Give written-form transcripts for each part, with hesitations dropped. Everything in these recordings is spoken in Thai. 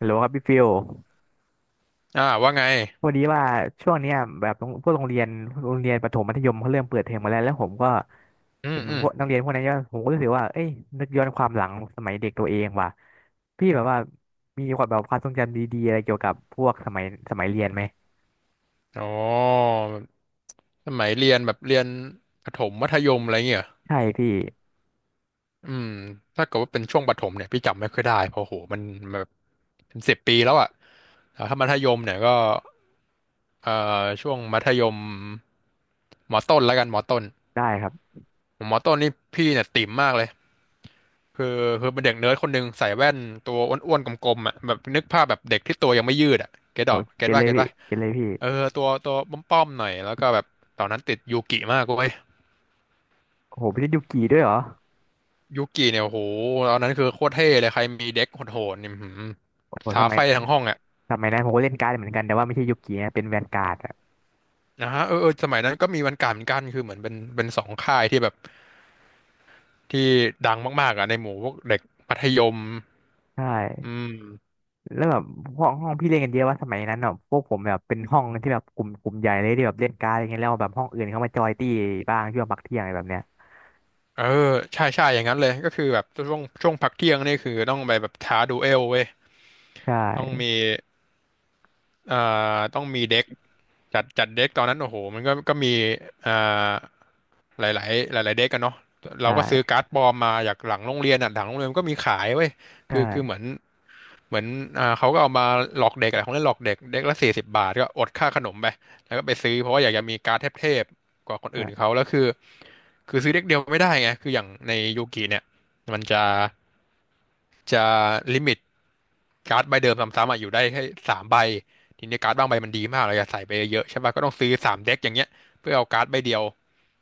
ฮัลโหลครับพี่ฟิลอ่าว่าไง พอดีว่าช่วงเนี้ยแบบโรงพวกโรงเรียนประถมมัธยมเขาเริ่มเปิดเทอมมาแล้วแล้วผมก็อืเห็มนอืพมวกนักเรียนพวกนั้นเยอะผมก็รู้สึกว่าเอ้ยนึกย้อนความหลังสมัยเด็กตัวเองว่ะพี่แบบว่ามีความแบบความทรงจำดีๆอะไรเกี่ยวกับพวกสมัยเรียนไหมอ๋อสมัยเรียนแบบเรียนประถมมัธยมอะไรเงี้ยเหรอใช่พี่อืมถ้าเกิดว่าเป็นช่วงประถมเนี่ยพี่จำไม่ค่อยได้เพราะโหมันแบบเป็น10 ปีแล้วอ่ะแต่ถ้ามัธยมเนี่ยก็เอ่ช่วงมัธยมมอต้นแล้วกันมอต้นได้ครับมอต้นนี่พี่เนี่ยติ่มมากเลยคือคือเป็นเด็กเนิร์ดคนหนึ่งใส่แว่นตัวอ้วนๆกลมๆอ่ะแบบนึกภาพแบบเด็กที่ตัวยังไม่ยืดอ่ะเก็ตโอดอกเกเก็ตนเลว่ายเก็ตพี่ว่า เกนเลยพี่เออตัวป้อมๆหน่อยแล้วก็แบบตอนนั้นติดยูกิมากเว้ยโอ้โหไม่ใช่ยุกีด้วยเหรอยูกิเนี่ยโอ้โหตอนนั้นคือโคตรเท่เลยใครมีเด็กโหดๆนี่อื้อหือโอ้โหสท้ามัยไฟทั้งห้องอ่ะนั้นผมก็เล่นการ์ดเหมือนกันแต่ว่าไม่ใช่ยุกีนะเป็นแวนการ์ดอะนะฮะเออเออสมัยนั้นก็มีวันการเหมือนกันคือเหมือนเป็นสองค่ายที่แบบที่ดังมากๆอ่ะในหมู่พวกเด็กมัธยมใช่ อืมแล้วแบบห้องพี่เล่นกันเยอะว่าสมัยนั้นเนาะพวกผมแบบเป็นห้องที่แบบกลุ่มใหญ่เลยที่แบบเล่นการ์ดอะไรเงี้ยแล้วแบบห้องอื่นเขามาจอยตี้บ้างช่วงพักเที่ยงอะไรแบบเนี้ยเออใช่ใช่อย่างนั้นเลยก็คือแบบช่วงพักเที่ยงนี่คือต้องไปแบบท้าดูเอลเว้ยใชต้อง่มีต้องมีเด็กจัดเด็กตอนนั้นโอ้โหมันก็มีเอ่อ หลายๆหลายๆเด็กกันเนาะเราก็ซื้อใช่การ์ดปลอมมาจากหลังโรงเรียนอ่ะหลังโรงเรียนก็มีขายเว้ยใชคือคือเหมือ่นเหมือนอ่าเขาก็เอามาหลอกเด็กอะไรของเล่นหลอกเด็กเด็กละ40 บาทก็อดค่าขนมไปแล้วก็ไปซื้อเพราะว่าอยากจะมีการ์ดเทพๆกว่าคนอื่นใช่เขาแล้วคือซื้อเด็กเดียวไม่ได้ไงคืออย่างในยูกิเนี่ยมันจะลิมิต การ์ดใบเดิมซ้ำๆอ่ะอยู่ได้แค่3 ใบทีนี้การ์ดบางใบมันดีมากเราอยากใส่ไปเยอะๆใช่ป่ะก็ต้องซื้อ3 เด็กอย่างเงี้ยเพื่อเอาการ์ดใบเดียว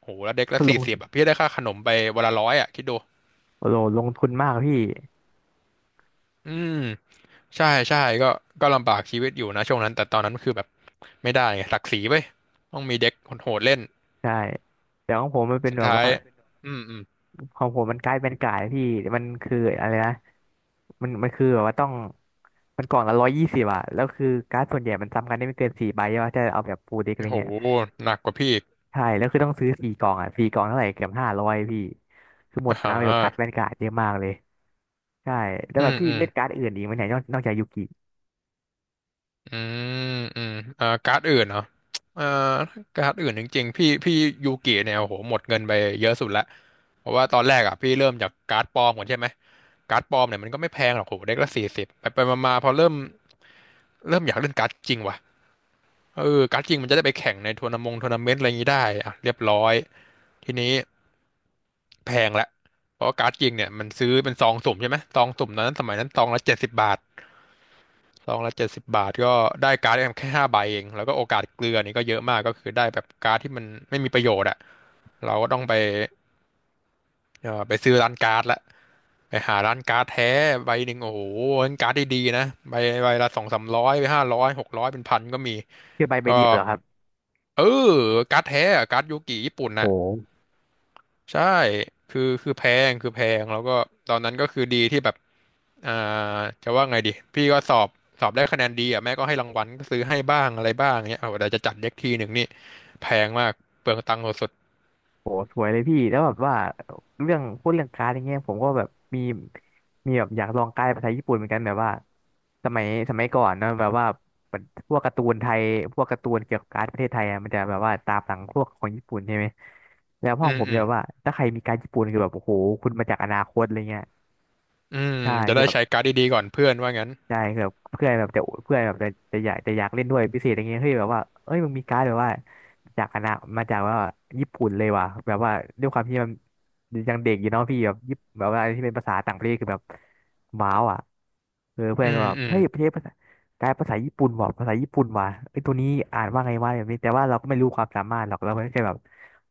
โหแล้วเด็กละลสี่งสิบอ่ะพี่ได้ค่าขนมไปวันละร้อยอ่ะคิดดูโอ้โหลงทุนมากพี่อืมใช่ใช่ก็ก็ลำบากชีวิตอยู่นะช่วงนั้นแต่ตอนนั้นคือแบบไม่ได้ไงศักดิ์ศรีเว้ยต้องมีเด็กโหดๆเล่นใช่แต่ของผมมันเป็นสุดแบบท้าว่ายอืมอืมของผมมันกลายเป็นกลายพี่มันคืออะไรนะมันคือแบบว่าต้องมันกล่องละ120อะแล้วคือการ์ดส่วนใหญ่มันซ้ำกันได้ไม่เกินสี่ใบใช่ปะถ้าเอาแบบฟูลเด็กอะไรโหเงี้ย หนักกว่าพี่อีกใช่แล้วคือต้องซื้อสี่กล่องอ่ะสี่กล่องเท่าไหร่เกือบ500พี่คือหมดอ่าตัฮะงค์ไปกับการ์ดแวนการ์ดเยอะมากเลยใช่แล้วอืแบบมพี่อืม เล่นการ์ดอื่นอีกไหมเนี่ยนอกจากยูกิอืมอืมการ์ดอื่นเหรอเอ่อการ์ดอื่นจริงๆพี่ยูกิเนี่ยโอ้โหหมดเงินไปเยอะสุดละเพราะว่าตอนแรกอ่ะพี่เริ่มจากการ์ดปลอมก่อนใช่ไหมการ์ดปลอมเนี่ยมันก็ไม่แพงหรอกโหเด็กละสี่สิบไปไปมาๆพอเริ่มอยากเล่นการ์ดจริงว่ะเออการ์ดจริงมันจะได้ไปแข่งในทัวร์นาเมนต์อะไรอย่างนี้ได้อ่ะเรียบร้อยทีนี้แพงละเพราะว่าการ์ดจริงเนี่ยมันซื้อเป็นซองสุ่มใช่ไหมซองสุ่มตอนนั้นสมัยนั้นซองละเจ็ดสิบบาท ซองละ70 บาทก็ได้การ์ดแค่5 ใบเองแล้วก็โอกาสเกลือนี่ก็เยอะมากก็คือได้แบบการ์ดที่มันไม่มีประโยชน์อะเราก็ต้องไปไปซื้อร้านการ์ดละไปหาร้านการ์ดแท้ใบหนึ่งโอ้โหร้านการ์ดดีๆนะใบละสองสามร้อยไปห้าร้อยหกร้อยเป็นพันก็มีคือใบก็เดียวเหรอครับเออการ์ดแท้อะการ์ดยูกิญี่ปุ่นอะ โหใช่คือคือแพคือแพงแล้วก็ตอนนั้นก็คือดีที่แบบอ่าจะว่าไงดีพี่ก็สอบได้คะแนนดีอ่ะแม่ก็ให้รางวัลก็ซื้อให้บ้างอะไรบ้างเนี้ยเอาแต่จะจัดเด็กทีหนึ่งนี่แพงมากเปลืองตังค์สุดโหสวยเลยพี่แล้วแบบว่าเรื่องพูดเรื่องการ์ดอย่างเงี้ยผมก็แบบมีมีแบบอยากลองการ์ดภาษาญี่ปุ่นเหมือนกันแบบว่าสมัยก่อนเนอะแบบว่าพวกการ์ตูนไทยพวกการ์ตูนเกี่ยวกับการ์ดประเทศไทยอะมันจะแบบว่าตามหลังพวกของญี่ปุ่นใช่ไหมแล้วๆห้อืองมผมอืจะมแบบว่าถ้าใครมีการ์ดญี่ปุ่นคือแบบโอ้โหคุณมาจากอนาคตอะไรเงี้ย อืมใช่จะคือได้แบบใช้การ์ดดีๆก่อนเพื่อนว่างั้นใช่คือแบบเพื่อนแบบจะเพื่อนแบบจะจะอยากเล่นด้วยพิเศษอะไรเงี้ยเฮ้ยแบบว่าเอ้ยมึงมีการ์ดแบบว่าจากคนะมาจากว่าญี่ปุ่นเลยว่ะแบบว่าด้วยความที่มันยังเด็กอยู่เนาะพี่แบบญี่ปนแบบว่าอะไรที่เป็นภาษาต่างประเทศคือแบบว้าวอ่ะเออเพื่ออืนก็มแบบอืมเฮ้ยประเทศภาษาการ์ดภาษาญี่ปุ่นว่ะภาษาญี่ปุ่นว่ะไอ้ยตัวนี้อ่านว่าไงวะแบบนี้แต่ว่าเราก็ไม่รู้ความสามารถหรอกเราแค่แบบ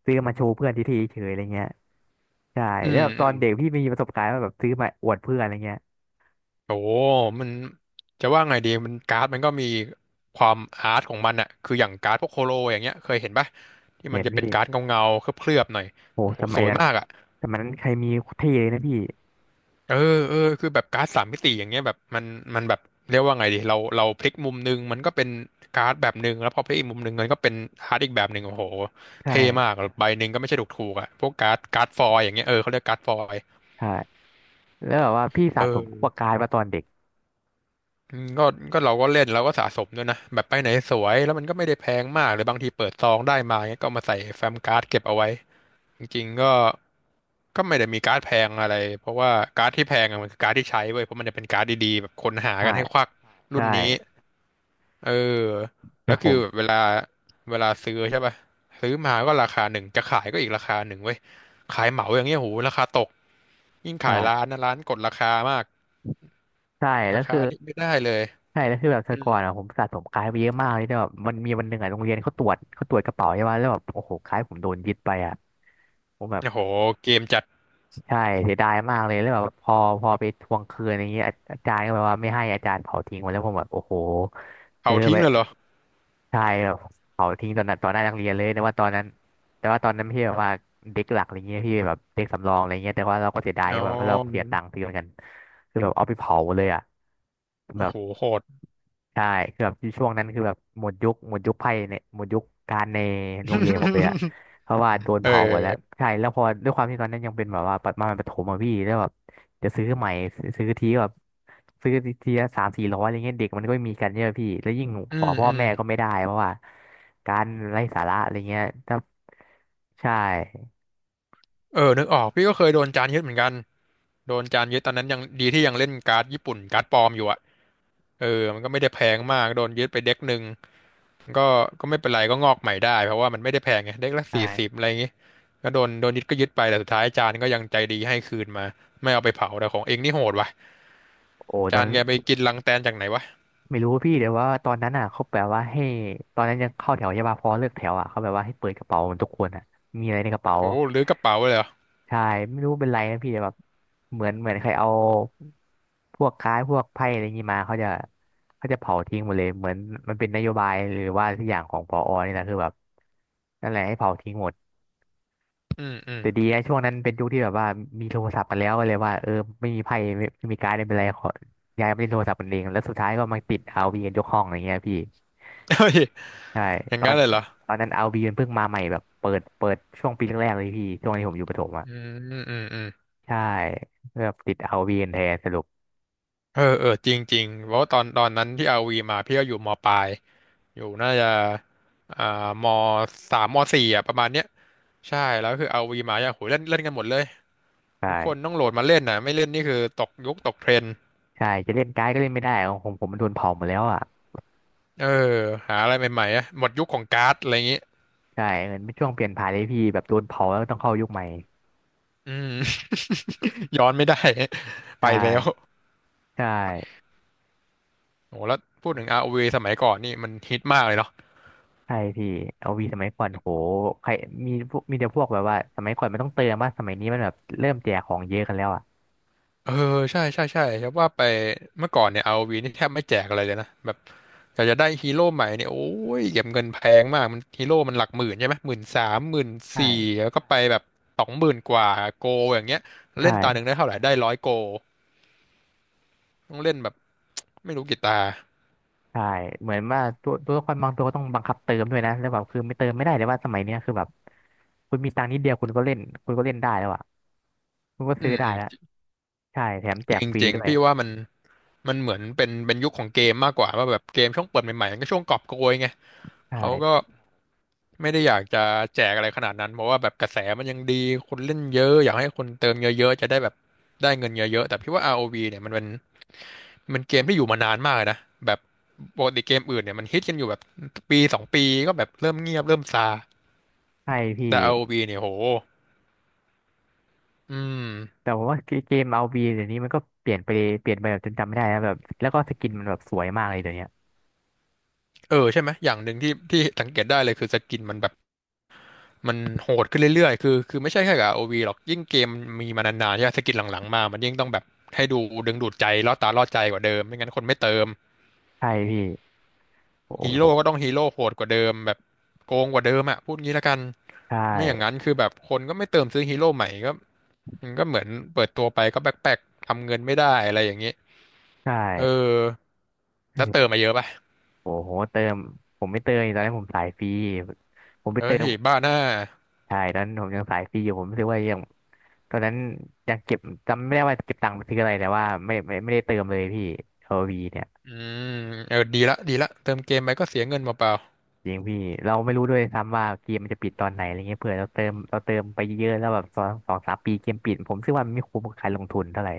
ซื้อมาโชว์เพื่อนทีๆเฉยๆอะไรเงี้ยใช่อืแล้วมแบบตอือนมเด็กพี่มีประสบการณ์ว่าแบบซื้อมาอวดเพื่อนอะไรเงี้ยโอ้มันจะว่าไงดีมันการ์ดมันก็มีความอาร์ตของมันอะคืออย่างการ์ดพวกโคโลอย่างเงี้ยเคยเห็นปะที่เห็มันนจะเป็พี่ นการ์ดเงาๆเคลือบๆหน่อยโหโอ้โหสสมัยวยนั้นมากอะ สมัยนั้นใครมีเท่เลยนะพี่เออเออคือแบบการ์ดสามมิติอย่างเงี้ยแบบมันแบบเรียกว่าไงดีเราพลิกมุมนึงมันก็เป็นการ์ดแบบหนึ่งแล้วพอพลิกอีกมุมหนึ่งมันก็เป็นการ์ดอีกแบบหนึ่งโอ้โหใช่เท่มากใบหนึ่งก็ไม่ใช่ถูกถูกอะพวกการ์ดฟอยล์อย่างเงี้ยเออเขาเรียกการ์ดฟอยล์ใช่แล้วแบบว่าพี่สะเอสมพวอกกายมาตอนเด็กอืมก็เราก็เล่นเราก็สะสมด้วยนะแบบไปไหนสวยแล้วมันก็ไม่ได้แพงมากหรือบางทีเปิดซองได้มาเงี้ยก็เอามาใส่แฟ้มการ์ดเก็บเอาไว้ จริงๆก็ก็ไม่ได้มีการ์ดแพงอะไรเพราะว่าการ์ดที่แพงอะมันคือการ์ดที่ใช้เว้ยเพราะมันจะเป็นการ์ดดีๆแบบคนหาใช่กันให้ควักรุ่ใช่นนี้เออแล้แล่วผคือมแบบเวลาเวลาซื้อใช่ป่ะซื้อมาก็ราคาหนึ่งจะขายก็อีกราคาหนึ่งเว้ยขายเหมาอย่างเงี้ยโหราคาตกยิ่งใช่ขายร้านนะร้านกดราคามากใช่ราแล้วคาคือนี่ไม่ได้เลยใช่แล้วคือแบบอืแต่มก่อนอ่ะผมสะสมกายไปเยอะมากเลยแต่แบบมันมีวันหนึ่งอ่ะโรงเรียนเขาตรวจเขาตรวจกระเป๋าใช่ไหมแล้วแบบโอ้โหกายผมโดนยึดไปอ่ะผมแบบโอ้โหเกมจัดใช่เสียดายมากเลยแล้วแบบพอไปทวงคืนอย่างเงี้ยอาจารย์ก็แบบว่าไม่ให้อาจารย์เผาทิ้งหมดแล้วผมแบบโอ้โหเผาซื้อทิ้ไป งเลยเหรอใช่แบบเผาทิ้งตอนนั้นตอนหน้านักเรียนเลยแต่ว่าตอนนั้นแต่ว่าตอนนั้นไม่ใช่แบบว่าเด็กหลักอะไรเงี้ยพี่แบบเด็กสำรองอะไรเงี้ยแต่ว่าเราก็เสียดายอ๋อแบบเพราะเราเสียตังค์ซื้อเหมือนกันคือแบบเอาไปเผาเลยอ่ะแบโอ้บ โหโหด ใช่คือแบบช่วงนั้นคือแบบหมดยุคไพ่เนี่ยหมดยุคการในโรงเรียนผมเลยอะ เพราะว่าโดนเออเผาหมดแล้วใช่แล้วพอด้วยความที่ตอนนั้นยังเป็นแบบว่าประมาณประถมอะพี่แล้วแบบจะซื้อใหม่ซื้อทีก็แบบซื้อทีละสามสี่ร้อยอะไรเงี้ยเด็กมันก็ไม่มีกันเยอะพี่แล้วยิ่งขอือมพ่ออืม แม่ก็ไม่ได้เพราะว่าการไร้สาระอะไรเงี้ยถ้าใช่เออนึกออกพี่ก็เคยโดนจานยึดเหมือนกันโดนจานยึดตอนนั้นยังดีที่ยังเล่นการ์ดญี่ปุ่นการ์ดปลอมอยู่อะเออมันก็ไม่ได้แพงมาก โดนยึดไปเด็กหนึ่งก็ก็ไม่เป็นไรก็งอกใหม่ได้เพราะว่ามันไม่ได้แพงไงเด็กละ40ใช่อะไรอย่างงี้ก็โดนยึดก็ยึดไปแต่สุดท้ายจานก็ยังใจดีให้คืนมาไม่เอาไปเผาแต่ของเองนี่โหดว่ะ โอ้ตอจานนนั้น แกไปกินรังแตนจากไหนวะไม่รู้พี่แต่ว่าตอนนั้นอ่ะเขาแบบว่าให้ตอนนั้นยังเข้าแถวใช่ป่ะพอเลิกแถวอ่ะเขาแบบว่าให้เปิดกระเป๋าเหมือนทุกคนอ่ะมีอะไรในกระเป๋าโอ้หรือกระเป๋าเลยเหรอใช่ไม่รู้เป็นไรนะพี่แต่แบบเหมือนใครเอาพวกค้ายพวกไพ่อะไรองี้มาเขาจะเผาทิ้งหมดเลยเหมือนมันเป็นนโยบายหรือว่าทุกอย่างของผอนี่แหละคือแบบนั่นแหละให้เผาทิ้งหมดอืมอืม แต่ดีนะช่วงนั้นเป็นยุคที่แบบว่ามีโทรศัพท์กันแล้วก็เลยว่าเออไม่มีไพ่ไม่ไมมีการ์ดไม่เป็นไรขอย้ายไปเล่นโทรศัพท์กันเองแล้วสุดท้ายก็มาติดเอาร์วีกันยกห้องอะไรเงี้ยพี่ เฮ้ยใช่อย่าตงอนั้นนเลยเหรอตอนนั้นเอาบีมันเพิ่งมาใหม่แบบเปิดช่วงปีแรกๆเลยพี่ช่วงที่ผมอยู่ประถมอ่ะอืมอืมอืมใช่แบบติดเอาบีแทนสรุปเออเออจริงจริงเพราะว่าตอนตอนนั้นที่อาวีมาพี่ก็อยู่มปลาย อยู่น่าจะอ่ามสามมสี่อ่ะประมาณเนี้ยใช่แล้วคือเอาวีมาอย่างโหเล่นเล่นกันหมดเลยทุกคนต้ใช่องโหลดมาเล่นนะไม่เล่นนี่คือตกยุคตกเทรนด์ใช่จะเล่นการ์ดก็เล่นไม่ได้ของผมมันโดนเผาหมดแล้วอ่ะเออหาอะไรใหม่ๆอ่ะหมดยุคของการ์ดอะไรอย่างงี้ใช่เหมือนเป็นช่วงเปลี่ยนผ่านเลยพี่แบบโดนเผาแล้วต้องเข้ายุคใหม่อืม ย้อนไม่ได้ ใชไปแล้ว่ใช่โหแล้วพูดถึง ROV สมัยก่อนนี่มันฮิตมากเลยเนาะ ใช่พี่เอาวีสมัยก่อนโหใครมีแต่พวกแบบว่าสมัยก่อนมันต้องเติมว่าสมัยนี้มันแบบเริ่มแจกของเยอะกันแล้วอ่ะเออใช่ใช่ใช่ครับว่าไปเมื่อก่อนเนี่ยเอาวีนี่แทบไม่แจกอะไรเลยนะแบบอยากจะได้ฮีโร่ใหม่เนี่ยโอ้ยเก็บเงินแพงมากมันฮีโร่มันหลักหมื่นใช่ไหมหมื่นสามหมื่นใช่สี่แล้วก็ไปแบบสองหมื่นกว่าโกอย่างเงี้ยเล่นตาหนึ่งใช่ ได้เท่าไหร่ได้ร้อยโกต้องเล่นแบบไม่รู้กี่ตาใช่เหมือนว่าตัวละครบางตัวก็ต้องบังคับเติมด้วยนะแล้วแบบคือไม่เติมไม่ได้เลยว่าสมัยเนี้ยคือแบบคุณมีตังค์นิดเดียวคุณก็เล่นคุณก็เล่นได้แล้วอ่ะคุณก็อืซื้อมได้อืมแล้วใช่แถมแจจกริงฟรีจริงด้วยพี่ว่ามันมันเหมือนเป็นเป็นยุคของเกมมากกว่าว่าแบบเกมช่วงเปิดใหม่ๆมันก็ช่วงกอบโกยไงใเขาก็ ช่ไม่ได้อยากจะแจกอะไรขนาดนั้นเพราะว่าแบบกระแสมันยังดี คนเล่นเยอะอยากให้คนเติมเยอะๆ จะได้แบบได้เงินเยอะๆแต่พี่ว่า ROV เนี่ยมันเป็นมันเกมที่อยู่มานานมากเลยนะแบบปกติเกมอื่นเนี่ยมันฮิตกันอยู่แบบปีสองปีก็แบบเริ่มเงียบเริ่มซาใช่พี่แต่ ROV เนี่ยโหอืมแต่ผมว่าเกมเอาบีเดี๋ยวนี้มันก็เปลี่ยนไปเปลี่ยนไปแบบจนจำไม่ได้นะแบบแล้วก็สกินมันแบบสวยมากเลยเดี๋ยวเนี้ยเออใช่ไหมอย่างหนึ่งที่ที่สังเกตได้เลยคือสกินมันแบบมันโหดขึ้นเรื่อยๆคือคือไม่ใช่แค่กับ ROV หรอกยิ่งเกมมันมีมานานๆใช่ไหมสกินหลังๆมามันยิ่งต้องแบบให้ดูดึงดูดใจล่อตาล่อใจกว่าเดิมไม่งั้นคนไม่เติม ใช่พี่โอ้ฮีโหโร่ก็ต้องฮีโร่โหดกว่าเดิมแบบโกงกว่าเดิมอะพูดงี้ละกันใช่ไม่อย่างนั้นคือแบบคนก็ไม่เติมซื้อฮีโร่ใหม่ก็มันก็เหมือนเปิดตัวไปก็แบกแปกทำเงินไม่ได้อะไรอย่างนี้ใชเออ่แล้วเติมเออมาเยอะป่ะโอ้โหเติมผมไม่เติมตอนนี้นผมสายฟรีผมไปเฮ้เติมยบ้าหน้าใช่ตอนนั้นผมยังสายฟรีอยู่ผมรู้สึกว่ายัง ตอนนั้นยังเก็บจำไม่ได้ว่าเก็บตังค์ไปซื้ออะไรแต่ว่าไม่ได้เติมเลยพี่โอลวีเนี่ยอืมเออดีละดีละเติมเกมไปก็เสียเงินเปล่าจริงพี่เราไม่รู้ด้วยซ้ำว่าเกมมันจะปิดตอนไหนอะไรเงี้ยเผื่อเราเติมเราเติมไปเยอะแล้วแบบสองสามปีเกมปิดผมคิดว่ามันไม่คุ้มกับการลงทุนเท่าไหร่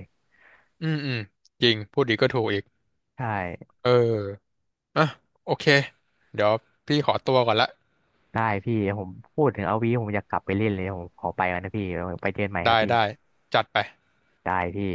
ๆอืมอืมจริงพูดดีก็ถูกอีกใช่เอออ่ะโอเคเดี๋ยวพี่ขอตัวก่อนละได้พี่ผมพูดถึงเอลวีผมอยากกลับไปเล่นเลยผมขอไปก่อนนะพี่ไปเจอกันใหม่ครัได้บพี่ได้จัดไปได้พี่